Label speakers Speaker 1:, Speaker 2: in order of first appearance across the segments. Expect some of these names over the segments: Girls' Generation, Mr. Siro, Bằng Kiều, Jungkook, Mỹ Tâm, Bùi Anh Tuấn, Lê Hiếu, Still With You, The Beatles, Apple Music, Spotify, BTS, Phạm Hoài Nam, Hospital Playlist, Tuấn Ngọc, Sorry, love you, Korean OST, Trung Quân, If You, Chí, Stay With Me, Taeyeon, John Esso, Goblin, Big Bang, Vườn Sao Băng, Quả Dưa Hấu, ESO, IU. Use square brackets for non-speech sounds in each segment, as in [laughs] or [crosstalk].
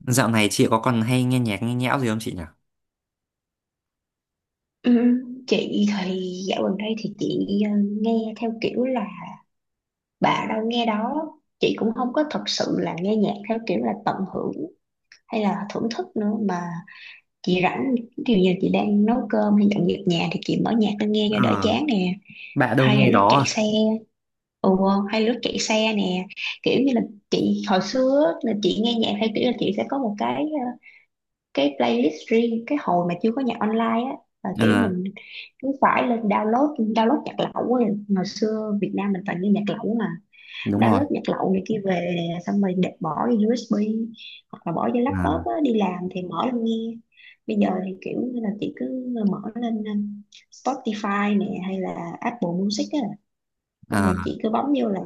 Speaker 1: Dạo này chị có còn hay nghe nhạc nghe nhẽo gì không chị nhỉ?
Speaker 2: Ừ, chị thì dạo gần đây thì chị nghe theo kiểu là bà đâu nghe đó. Chị cũng không có thật sự là nghe nhạc theo kiểu là tận hưởng hay là thưởng thức nữa mà chị rảnh, ví dụ như chị đang nấu cơm hay dọn dẹp nhà thì chị mở nhạc lên nghe cho đỡ
Speaker 1: Ờ,
Speaker 2: chán nè,
Speaker 1: bạn đâu
Speaker 2: hay là
Speaker 1: nghe
Speaker 2: lúc
Speaker 1: đó
Speaker 2: chạy
Speaker 1: à?
Speaker 2: xe. Ừ, hay lúc chạy xe nè, kiểu như là chị hồi xưa á, là chị nghe nhạc theo kiểu là chị sẽ có một cái cái playlist riêng, cái hồi mà chưa có nhạc online á, là
Speaker 1: Ờ,
Speaker 2: kiểu mình cứ phải lên download download nhạc lậu á. Ngày xưa Việt Nam mình toàn nghe nhạc lậu mà,
Speaker 1: đúng rồi.
Speaker 2: download nhạc lậu này kia về xong rồi để bỏ vô USB hoặc là bỏ vô
Speaker 1: Ờ,
Speaker 2: laptop á, đi làm thì mở lên nghe. Bây giờ thì kiểu như là chị cứ mở lên Spotify nè hay là Apple Music á, xong
Speaker 1: ờ,
Speaker 2: rồi chị cứ bấm vô là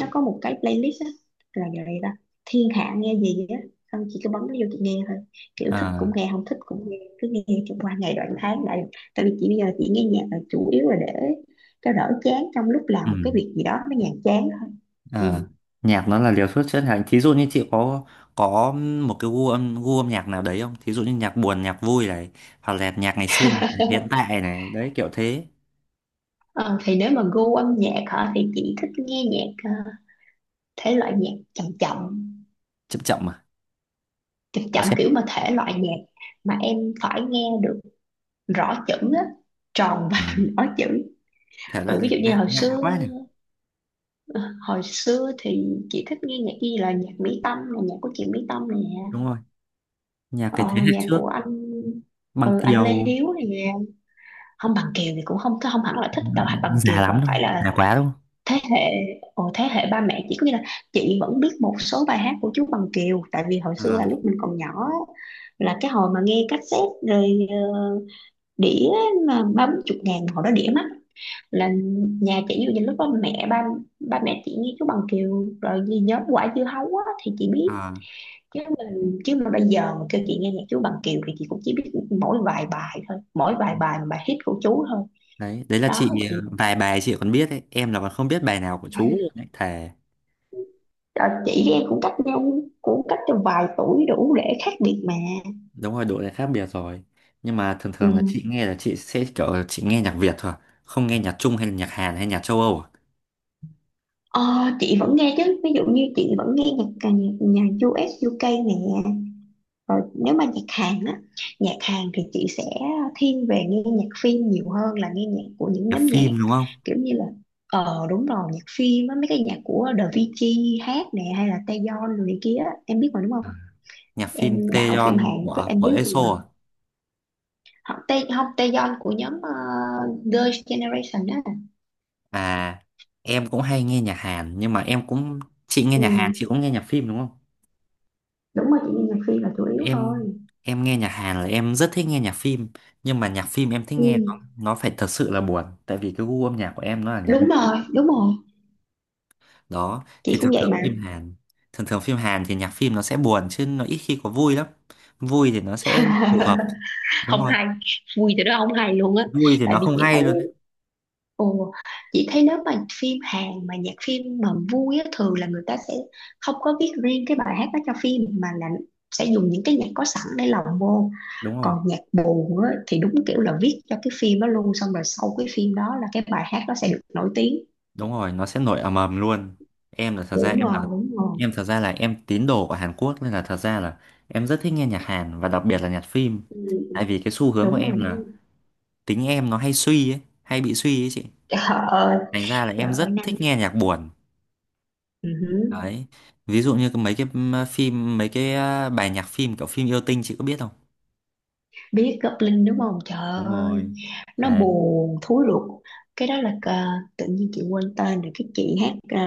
Speaker 2: nó có một cái playlist á, là vậy đó, thiên hạ nghe gì á, xong chị cứ bấm nó vô chị nghe thôi, kiểu thích
Speaker 1: ờ,
Speaker 2: cũng nghe không thích cũng nghe, cứ nghe cho qua ngày đoạn tháng lại. Tại vì chị bây giờ chị nghe nhạc là chủ yếu là để cho đỡ chán trong lúc làm một cái
Speaker 1: ừm,
Speaker 2: việc gì đó nó nhàm chán thôi.
Speaker 1: ờ.
Speaker 2: Ừ.
Speaker 1: Nhạc nó là liều thuốc chữa lành. Thí dụ như chị có một cái gu âm nhạc nào đấy không? Thí dụ như nhạc buồn, nhạc vui này, hoặc là nhạc ngày xưa, hiện
Speaker 2: [laughs]
Speaker 1: tại này, đấy kiểu thế.
Speaker 2: Ờ, thì nếu mà gu âm nhạc hả thì chị thích nghe nhạc thể loại nhạc chậm chậm,
Speaker 1: Chậm chậm mà.
Speaker 2: chậm
Speaker 1: Có
Speaker 2: chậm,
Speaker 1: xét.
Speaker 2: kiểu mà thể loại nhạc mà em phải nghe được rõ chữ á, tròn và
Speaker 1: Ừ.
Speaker 2: [laughs] rõ chữ.
Speaker 1: Thể loại
Speaker 2: Ừ,
Speaker 1: là
Speaker 2: ví dụ như
Speaker 1: lạ,
Speaker 2: hồi
Speaker 1: lạ
Speaker 2: xưa,
Speaker 1: quá này.
Speaker 2: ờ, hồi xưa thì chị thích nghe nhạc gì là nhạc Mỹ Tâm, là nhạc của chị Mỹ Tâm nè.
Speaker 1: Đúng rồi. Nhạc cái
Speaker 2: Ờ,
Speaker 1: thế hệ
Speaker 2: nhạc
Speaker 1: trước,
Speaker 2: của anh,
Speaker 1: Bằng
Speaker 2: anh Lê
Speaker 1: Kiều,
Speaker 2: Hiếu nè. Không Bằng Kiều thì cũng không không hẳn là
Speaker 1: ừ,
Speaker 2: thích đâu, hay Bằng Kiều
Speaker 1: già
Speaker 2: và
Speaker 1: lắm đâu,
Speaker 2: phải là
Speaker 1: già quá đâu.
Speaker 2: thế hệ. Ồ, thế hệ ba mẹ chỉ, có nghĩa là chị vẫn biết một số bài hát của chú Bằng Kiều, tại vì hồi xưa
Speaker 1: Ờ,
Speaker 2: là lúc mình còn nhỏ á, là cái hồi mà nghe cassette rồi ờ, đĩa, mà ba bốn chục ngàn hồi đó đĩa mắc, là nhà chị ví dụ như lúc đó mẹ ba, ba mẹ chị như chú Bằng Kiều rồi gì nhóm Quả Dưa Hấu á, thì chị biết.
Speaker 1: ờ.
Speaker 2: Chứ mình, chứ mà bây giờ mà kêu chị nghe nhạc chú Bằng Kiều thì chị cũng chỉ biết mỗi vài bài thôi, mỗi vài bài mà bài hit của chú thôi.
Speaker 1: Đấy đấy là
Speaker 2: Đó
Speaker 1: chị,
Speaker 2: thì
Speaker 1: vài bài chị còn biết ấy, em là còn không biết bài nào của chú luôn đấy thề.
Speaker 2: chị với em cũng cách nhau, cũng cách cho vài tuổi đủ để khác biệt mà.
Speaker 1: Đúng rồi, độ này khác biệt rồi. Nhưng mà thường
Speaker 2: Ừ.
Speaker 1: thường là chị nghe là chị sẽ kiểu là chị nghe nhạc Việt thôi, không nghe nhạc Trung hay là nhạc Hàn hay nhạc châu Âu à?
Speaker 2: Ờ, chị vẫn nghe chứ, ví dụ như chị vẫn nghe nhạc nhà u, nhạc u UK nè. Rồi, nếu mà nhạc Hàn á, nhạc Hàn thì chị sẽ thiên về nghe nhạc phim nhiều hơn là nghe nhạc của những
Speaker 1: Nhạc
Speaker 2: nhóm nhạc,
Speaker 1: phim đúng không?
Speaker 2: kiểu như là, ờ đúng rồi, nhạc phim á, mấy cái nhạc của The VG hát nè hay là Taeyeon rồi này kia á. Em biết mà đúng
Speaker 1: À,
Speaker 2: không?
Speaker 1: nhạc phim
Speaker 2: Em đạo phim
Speaker 1: Taeyeon
Speaker 2: Hàn chắc
Speaker 1: của
Speaker 2: em
Speaker 1: của
Speaker 2: biết mà,
Speaker 1: ESO à?
Speaker 2: họ Tae không, Taeyeon của nhóm Girls' Generation á.
Speaker 1: À, em cũng hay nghe nhạc Hàn nhưng mà em cũng, chị nghe nhạc Hàn chị
Speaker 2: Ừ.
Speaker 1: cũng nghe nhạc phim đúng không?
Speaker 2: Đúng rồi, chị nghe nhạc phim là chủ yếu
Speaker 1: em
Speaker 2: thôi.
Speaker 1: em nghe nhạc Hàn là em rất thích nghe nhạc phim, nhưng mà nhạc phim em thích nghe nó
Speaker 2: Ừ.
Speaker 1: nó phải thật sự là buồn, tại vì cái gu âm nhạc của em nó là nhạc.
Speaker 2: Đúng rồi đúng rồi,
Speaker 1: Đó thì
Speaker 2: chị cũng
Speaker 1: thường
Speaker 2: vậy
Speaker 1: thường
Speaker 2: mà.
Speaker 1: phim Hàn, thì nhạc phim nó sẽ buồn chứ nó ít khi có vui lắm. Vui thì nó sẽ phù hợp.
Speaker 2: [laughs]
Speaker 1: Đúng
Speaker 2: Không
Speaker 1: rồi.
Speaker 2: hay, vui từ đó không hay luôn á.
Speaker 1: Vui thì
Speaker 2: Tại
Speaker 1: nó
Speaker 2: vì
Speaker 1: không
Speaker 2: chị
Speaker 1: hay
Speaker 2: thấy,
Speaker 1: luôn đấy.
Speaker 2: ồ, chị thấy nếu mà phim Hàn mà nhạc phim mà vui á, thường là người ta sẽ không có viết riêng cái bài hát đó cho phim, mà là sẽ dùng những cái nhạc có sẵn để lồng vô.
Speaker 1: Đúng rồi,
Speaker 2: Còn nhạc buồn á, thì đúng kiểu là viết cho cái phim đó luôn, xong rồi sau cái phim đó là cái bài hát đó sẽ được nổi tiếng.
Speaker 1: đúng rồi, nó sẽ nổi ầm ầm luôn. Em là thật ra
Speaker 2: Đúng
Speaker 1: em
Speaker 2: rồi,
Speaker 1: là
Speaker 2: đúng rồi.
Speaker 1: Em thật ra là em tín đồ của Hàn Quốc nên là thật ra là em rất thích nghe nhạc Hàn và đặc biệt là nhạc phim,
Speaker 2: Ừ,
Speaker 1: tại vì cái xu hướng của
Speaker 2: đúng rồi.
Speaker 1: em là tính em nó hay bị suy ấy chị.
Speaker 2: Trời ơi,
Speaker 1: Thành ra là
Speaker 2: trời
Speaker 1: em
Speaker 2: ơi
Speaker 1: rất
Speaker 2: Nam.
Speaker 1: thích nghe nhạc buồn.
Speaker 2: Ừ, hử.
Speaker 1: Đấy, ví dụ như mấy cái phim, mấy cái, bài nhạc phim kiểu phim yêu tinh chị có biết không?
Speaker 2: Biết Goblin đúng không? Trời
Speaker 1: Đúng
Speaker 2: ơi,
Speaker 1: rồi.
Speaker 2: nó
Speaker 1: À,
Speaker 2: buồn thúi ruột. Cái đó là, tự nhiên chị quên tên rồi, cái chị hát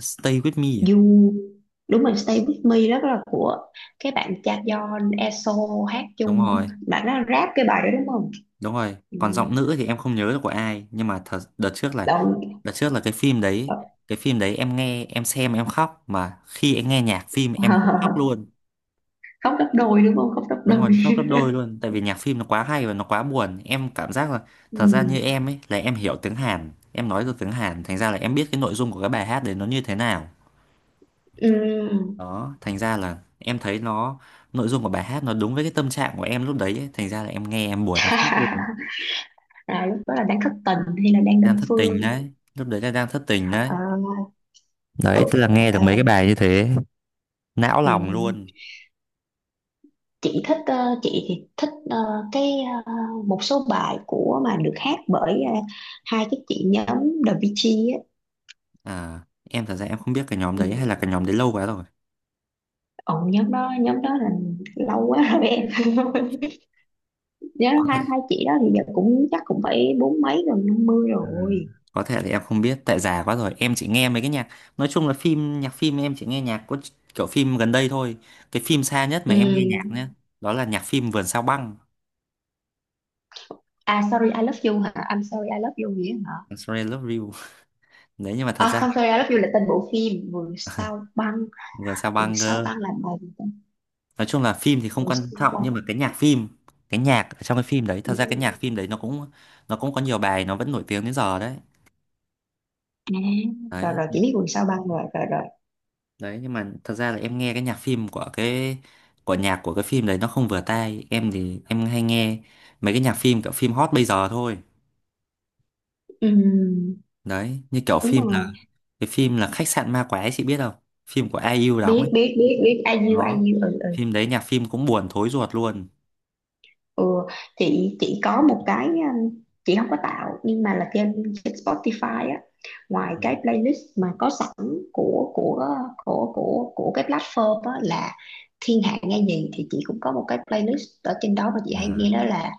Speaker 1: Stay With Me à?
Speaker 2: You. Đúng rồi, Stay With Me đó, là của cái bạn cha John Esso hát,
Speaker 1: Đúng
Speaker 2: chung
Speaker 1: rồi,
Speaker 2: bạn nó rap cái bài đó đúng không?
Speaker 1: đúng rồi,
Speaker 2: Ừ,
Speaker 1: còn giọng nữ thì em không nhớ được của ai, nhưng mà thật,
Speaker 2: đâu.
Speaker 1: đợt trước là cái phim đấy, cái phim đấy em nghe em xem em khóc mà khi em nghe nhạc phim em cũng khóc
Speaker 2: [laughs]
Speaker 1: luôn.
Speaker 2: Khóc gấp đôi đúng không, khóc gấp
Speaker 1: Đúng rồi,
Speaker 2: đôi.
Speaker 1: khóc gấp đôi luôn tại vì nhạc phim nó quá hay và nó quá buồn, em cảm giác là
Speaker 2: [laughs] ừ.
Speaker 1: thật ra như em ấy là em hiểu tiếng Hàn, em nói được tiếng Hàn, thành ra là em biết cái nội dung của cái bài hát đấy nó như thế nào.
Speaker 2: Ừ.
Speaker 1: Đó, thành ra là em thấy nó, nội dung của bài hát nó đúng với cái tâm trạng của em lúc đấy ấy. Thành ra là em nghe em buồn em khóc luôn.
Speaker 2: [laughs] À, lúc đó là đang thất tình hay là đang
Speaker 1: Đang
Speaker 2: đơn
Speaker 1: thất tình
Speaker 2: phương?
Speaker 1: đấy, lúc đấy là đang thất tình
Speaker 2: Ờ,
Speaker 1: đấy. Đấy, tức là nghe được
Speaker 2: ờ,
Speaker 1: mấy cái bài như thế, não
Speaker 2: ừ.
Speaker 1: lòng luôn.
Speaker 2: Chị thích chị thì thích cái, ờ, một số bài của mà được hát bởi hai cái chị nhóm The Beatles á.
Speaker 1: À, em thật ra em không biết cái nhóm đấy, hay
Speaker 2: Ừ.
Speaker 1: là cái nhóm đấy lâu quá rồi.
Speaker 2: Ồ, nhóm đó, nhóm đó là lâu quá rồi em [laughs] nhớ,
Speaker 1: Có
Speaker 2: hai
Speaker 1: thể,
Speaker 2: hai chị đó thì giờ cũng chắc cũng phải bốn mấy gần năm mươi
Speaker 1: ừ,
Speaker 2: rồi.
Speaker 1: có thể là em không biết tại già quá rồi, em chỉ nghe mấy cái nhạc, nói chung là phim, nhạc phim em chỉ nghe nhạc có kiểu phim gần đây thôi. Cái phim xa nhất mà em nghe nhạc
Speaker 2: Ừ.
Speaker 1: nhá, đó là nhạc phim Vườn Sao Băng.
Speaker 2: À sorry I love you hả, I'm sorry I love you nghĩa hả?
Speaker 1: Sorry, love you. Đấy, nhưng mà thật
Speaker 2: À
Speaker 1: ra,
Speaker 2: không, sorry I love you là tên bộ phim Vườn Sao Băng.
Speaker 1: vừa sao
Speaker 2: Vườn
Speaker 1: băng
Speaker 2: Sao
Speaker 1: cơ.
Speaker 2: Băng là bài gì ta?
Speaker 1: Nói chung là phim thì không
Speaker 2: Vườn
Speaker 1: quan
Speaker 2: Sao
Speaker 1: trọng,
Speaker 2: Băng.
Speaker 1: nhưng mà cái nhạc phim, cái nhạc ở trong cái phim đấy,
Speaker 2: Ừ.
Speaker 1: thật ra cái nhạc phim đấy nó cũng, nó cũng có nhiều bài nó vẫn nổi tiếng đến giờ đấy.
Speaker 2: À, rồi
Speaker 1: Đấy
Speaker 2: rồi chị biết Vườn Sao Băng rồi rồi rồi.
Speaker 1: đấy nhưng mà thật ra là em nghe cái nhạc phim của nhạc của cái phim đấy nó không vừa tai em thì em hay nghe mấy cái nhạc phim kiểu phim hot bây giờ thôi.
Speaker 2: Ừ.
Speaker 1: Đấy, như kiểu
Speaker 2: Đúng
Speaker 1: phim
Speaker 2: rồi.
Speaker 1: là cái phim là khách sạn ma quái chị biết không? Phim của ai IU đóng
Speaker 2: Biết
Speaker 1: ấy.
Speaker 2: biết biết biết, I you,
Speaker 1: Đó,
Speaker 2: I you, ừ ừ.
Speaker 1: phim đấy nhạc phim cũng buồn thối ruột luôn.
Speaker 2: Ừ, chị có một cái chị không có tạo nhưng mà là trên trên Spotify á, ngoài
Speaker 1: Ừ.
Speaker 2: cái playlist mà có sẵn của của của cái platform á, là thiên hạ nghe gì, thì chị cũng có một cái playlist ở trên đó mà chị hay
Speaker 1: À.
Speaker 2: nghe, đó là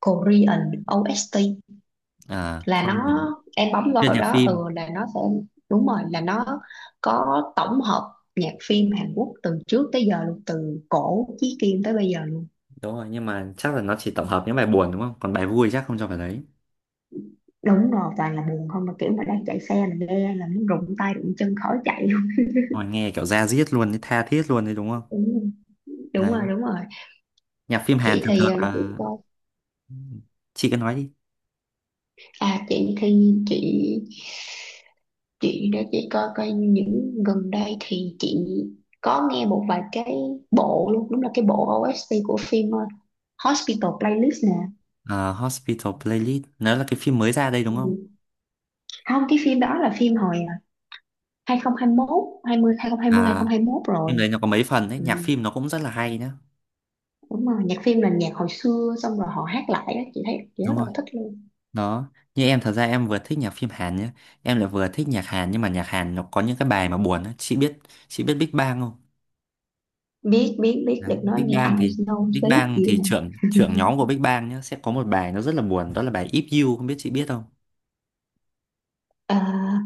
Speaker 2: Korean OST.
Speaker 1: À.
Speaker 2: Là nó, em bấm
Speaker 1: Chuyên
Speaker 2: vào
Speaker 1: nhạc
Speaker 2: đó
Speaker 1: phim.
Speaker 2: ừ là nó sẽ, đúng rồi là nó có tổng hợp nhạc phim Hàn Quốc từ trước tới giờ luôn, từ cổ chí kim tới bây giờ.
Speaker 1: Đúng rồi, nhưng mà chắc là nó chỉ tổng hợp những bài buồn đúng không? Còn bài vui chắc không cho vào đấy.
Speaker 2: Đúng rồi, toàn là buồn không, mà kiểu mà đang chạy xe mà nghe là muốn rụng tay rụng chân khỏi chạy luôn.
Speaker 1: Ôi, nghe kiểu da diết luôn, đấy, tha thiết luôn đấy đúng không?
Speaker 2: Đúng, đúng rồi
Speaker 1: Đấy.
Speaker 2: đúng rồi.
Speaker 1: Nhạc phim Hàn
Speaker 2: Chị
Speaker 1: thường
Speaker 2: thì
Speaker 1: thường
Speaker 2: để chị
Speaker 1: là...
Speaker 2: coi.
Speaker 1: Chị cứ nói đi.
Speaker 2: À chị thì chị để chị coi coi, những gần đây thì chị có nghe một vài cái bộ luôn, đúng là cái bộ OST của phim Hospital Playlist nè.
Speaker 1: Ờ, Hospital Playlist, nó là cái phim mới ra đây đúng không?
Speaker 2: Ừ. Không, cái phim đó là phim hồi 2021, 20 2020
Speaker 1: À,
Speaker 2: 2021
Speaker 1: phim
Speaker 2: rồi.
Speaker 1: đấy nó có mấy phần đấy,
Speaker 2: Ừ.
Speaker 1: nhạc phim nó cũng rất là hay nhá.
Speaker 2: Đúng rồi, nhạc phim là nhạc hồi xưa xong rồi họ hát lại á, chị thấy chị rất
Speaker 1: Đúng
Speaker 2: là
Speaker 1: rồi.
Speaker 2: thích luôn.
Speaker 1: Đó, như em thật ra em vừa thích nhạc phim Hàn nhá. Em lại vừa thích nhạc Hàn, nhưng mà nhạc Hàn nó có những cái bài mà buồn á. Chị biết Big Bang không?
Speaker 2: Biết biết biết,
Speaker 1: Đấy,
Speaker 2: được nói
Speaker 1: Big
Speaker 2: nghe
Speaker 1: Bang
Speaker 2: ai
Speaker 1: thì,
Speaker 2: snow
Speaker 1: Big
Speaker 2: sleep
Speaker 1: Bang
Speaker 2: gì
Speaker 1: thì
Speaker 2: hả.
Speaker 1: trưởng trưởng
Speaker 2: [laughs]
Speaker 1: nhóm của Big Bang nhá sẽ có một bài nó rất là buồn, đó là bài If You, không biết chị biết không.
Speaker 2: Ờ,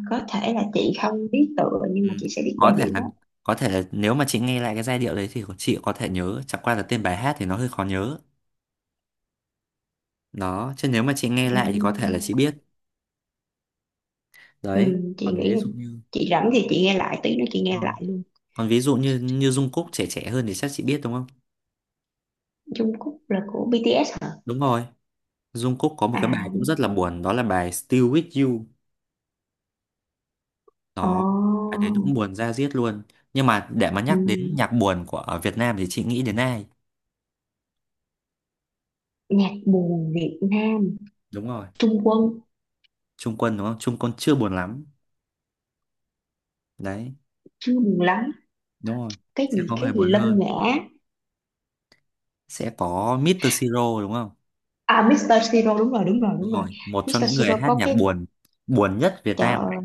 Speaker 2: có thể là chị không biết tựa nhưng
Speaker 1: Ừ,
Speaker 2: mà chị sẽ biết
Speaker 1: có
Speaker 2: giai
Speaker 1: thể
Speaker 2: điệu
Speaker 1: là
Speaker 2: á.
Speaker 1: có thể là nếu mà chị nghe lại cái giai điệu đấy thì chị có thể nhớ, chẳng qua là tên bài hát thì nó hơi khó nhớ, đó, chứ nếu mà chị nghe lại thì có thể là chị biết.
Speaker 2: Ừ,
Speaker 1: Đấy,
Speaker 2: chị
Speaker 1: còn
Speaker 2: nghĩ
Speaker 1: ví
Speaker 2: là
Speaker 1: dụ như,
Speaker 2: chị rảnh thì chị nghe lại, tí nữa chị nghe
Speaker 1: rồi,
Speaker 2: lại luôn.
Speaker 1: còn ví dụ như như Jungkook trẻ trẻ hơn thì chắc chị biết đúng không?
Speaker 2: Jungkook Cúc là của BTS hả?
Speaker 1: Đúng rồi, Jungkook có một cái
Speaker 2: À,
Speaker 1: bài cũng rất là buồn, đó là bài Still With You. Đó, cái
Speaker 2: ồ.
Speaker 1: đấy cũng buồn da diết luôn. Nhưng mà để mà
Speaker 2: Ừ,
Speaker 1: nhắc đến nhạc buồn của ở Việt Nam thì chị nghĩ đến ai?
Speaker 2: nhạc buồn Việt Nam,
Speaker 1: Đúng rồi,
Speaker 2: Trung Quân
Speaker 1: Trung Quân đúng không? Trung Quân chưa buồn lắm. Đấy,
Speaker 2: chưa buồn lắm.
Speaker 1: đúng rồi.
Speaker 2: Cái
Speaker 1: Sẽ
Speaker 2: gì
Speaker 1: có
Speaker 2: cái
Speaker 1: người
Speaker 2: gì
Speaker 1: buồn
Speaker 2: Lân
Speaker 1: hơn.
Speaker 2: Ngã?
Speaker 1: Sẽ có Mr. Siro đúng không?
Speaker 2: À Mr. Siro, đúng rồi đúng rồi
Speaker 1: Đúng
Speaker 2: đúng rồi.
Speaker 1: rồi, một trong
Speaker 2: Mr.
Speaker 1: những người
Speaker 2: Siro
Speaker 1: hát
Speaker 2: có
Speaker 1: nhạc
Speaker 2: cái
Speaker 1: buồn, buồn nhất Việt Nam này.
Speaker 2: chợ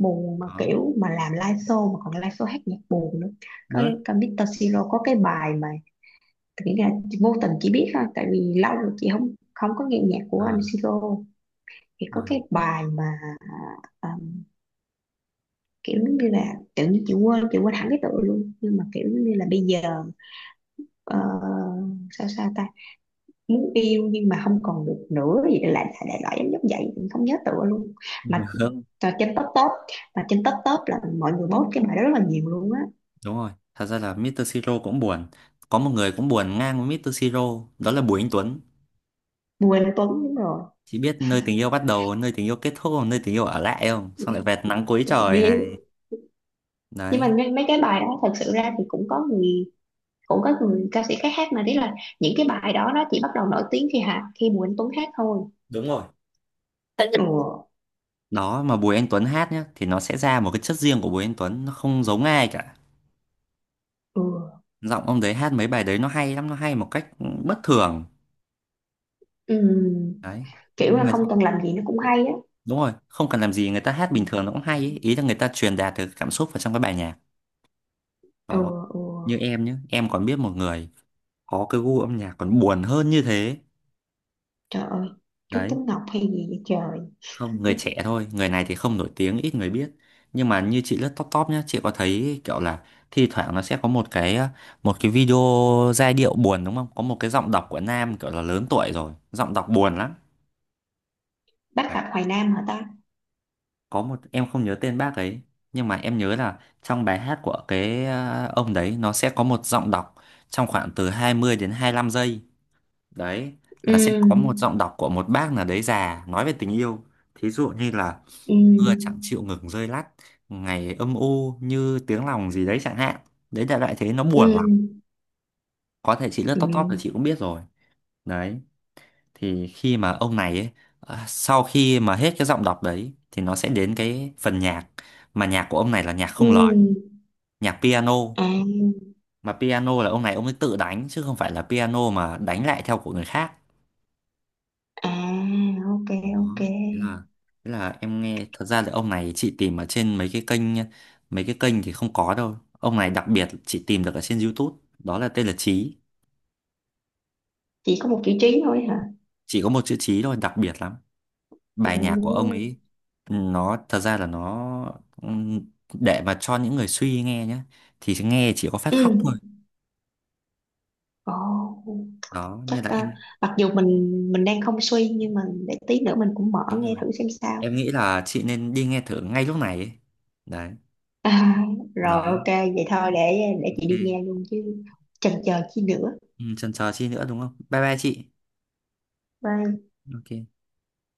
Speaker 2: buồn, mà
Speaker 1: Đó,
Speaker 2: kiểu mà làm live show, mà còn live show hát nhạc buồn nữa. có
Speaker 1: đó.
Speaker 2: có Mr. Siro có cái bài mà, nghĩ là vô tình chỉ biết thôi, tại vì lâu rồi chị không không có nghe nhạc của
Speaker 1: À,
Speaker 2: anh Siro, thì có cái
Speaker 1: à.
Speaker 2: bài mà à, um, kiểu như là tự nhiên chị quên hẳn cái tựa luôn, nhưng mà kiểu như là bây giờ, ờ, sao sao ta, muốn yêu nhưng mà không còn được nữa gì đó, lại đại loại giống giống vậy, mình không nhớ tựa luôn.
Speaker 1: Nhớ
Speaker 2: Mà
Speaker 1: không?
Speaker 2: trên top top, mà trên top top là mọi người post cái bài đó rất là nhiều luôn á.
Speaker 1: Đúng rồi, thật ra là Mr. Siro cũng buồn. Có một người cũng buồn ngang với Mr. Siro, đó là Bùi Anh Tuấn.
Speaker 2: Bùi Anh Tuấn đúng rồi.
Speaker 1: Chị biết nơi tình yêu bắt đầu, nơi tình yêu kết thúc, nơi tình yêu ở lại không? Xong lại về nắng cuối trời này.
Speaker 2: Vì- nhưng mà
Speaker 1: Đấy,
Speaker 2: mấy mấy cái bài đó thật sự ra thì cũng có người, ca sĩ khác hát, mà đấy là những cái bài đó nó chỉ bắt đầu nổi tiếng khi Bùi Anh Tuấn hát thôi.
Speaker 1: đúng rồi.
Speaker 2: Ừ,
Speaker 1: Đó, mà Bùi Anh Tuấn hát nhá thì nó sẽ ra một cái chất riêng của Bùi Anh Tuấn, nó không giống ai cả.
Speaker 2: ừ.
Speaker 1: Giọng ông đấy hát mấy bài đấy nó hay lắm, nó hay một cách bất thường.
Speaker 2: Ừm,
Speaker 1: Đấy.
Speaker 2: kiểu
Speaker 1: Nhưng
Speaker 2: là
Speaker 1: mà
Speaker 2: không cần làm gì nó cũng hay á.
Speaker 1: đúng rồi, không cần làm gì người ta hát
Speaker 2: Ừ,
Speaker 1: bình thường nó cũng hay ý, ý là người ta truyền đạt được cảm xúc vào trong cái bài nhạc.
Speaker 2: ừ.
Speaker 1: Đó,
Speaker 2: Ừ.
Speaker 1: như em nhá, em còn biết một người có cái gu âm nhạc còn buồn hơn như thế.
Speaker 2: Trời ơi, chú
Speaker 1: Đấy,
Speaker 2: Tuấn Ngọc hay gì vậy trời.
Speaker 1: không, người trẻ thôi, người này thì không nổi tiếng, ít người biết, nhưng mà như chị lướt top top nhá chị có thấy kiểu là thi thoảng nó sẽ có một cái, một cái video, giai điệu buồn đúng không, có một cái giọng đọc của nam kiểu là lớn tuổi rồi, giọng đọc buồn lắm.
Speaker 2: Bác
Speaker 1: À,
Speaker 2: Phạm Hoài Nam hả ta?
Speaker 1: có một, em không nhớ tên bác ấy, nhưng mà em nhớ là trong bài hát của cái, ông đấy nó sẽ có một giọng đọc trong khoảng từ 20 đến 25 giây, đấy, là sẽ có một
Speaker 2: Ừm,
Speaker 1: giọng đọc của một bác nào đấy già nói về tình yêu. Thí dụ như là mưa chẳng
Speaker 2: ừm,
Speaker 1: chịu ngừng rơi lắt, ngày âm u như tiếng lòng gì đấy chẳng hạn, đấy đại loại thế nó buồn lắm.
Speaker 2: ừm,
Speaker 1: Có thể chị lướt top top thì
Speaker 2: ừm,
Speaker 1: chị cũng biết rồi. Đấy, thì khi mà ông này ấy, à, sau khi mà hết cái giọng đọc đấy thì nó sẽ đến cái phần nhạc, mà nhạc của ông này là nhạc không lời,
Speaker 2: ừm.
Speaker 1: nhạc piano,
Speaker 2: À,
Speaker 1: mà piano là ông ấy tự đánh chứ không phải là piano mà đánh lại theo của người khác.
Speaker 2: à, ok,
Speaker 1: Đó,
Speaker 2: ok,
Speaker 1: thế là, em nghe, thật ra là ông này chị tìm ở trên mấy cái kênh, mấy cái kênh thì không có đâu, ông này đặc biệt chị tìm được ở trên YouTube, đó là tên là Chí,
Speaker 2: chỉ có một chữ Trí thôi hả?
Speaker 1: chỉ có một chữ Chí thôi, đặc biệt lắm.
Speaker 2: Ồ.
Speaker 1: Bài nhạc của ông ấy, nó thật ra là nó, để mà cho những người suy nghe nhá thì nghe chỉ có phát
Speaker 2: Ừ.
Speaker 1: khóc thôi.
Speaker 2: Ồ.
Speaker 1: Đó nên
Speaker 2: Chắc
Speaker 1: là em,
Speaker 2: mặc dù mình đang không suy nhưng mà để tí nữa mình cũng mở
Speaker 1: đúng
Speaker 2: nghe
Speaker 1: rồi,
Speaker 2: thử xem sao.
Speaker 1: em nghĩ là chị nên đi nghe thử ngay lúc này ấy. Đấy,
Speaker 2: À, rồi
Speaker 1: nó,
Speaker 2: ok, vậy thôi để chị đi
Speaker 1: ok.
Speaker 2: nghe luôn chứ, chần chờ chi nữa.
Speaker 1: Ừ, chần chờ chi nữa đúng không, bye bye chị.
Speaker 2: Bye.
Speaker 1: Ok.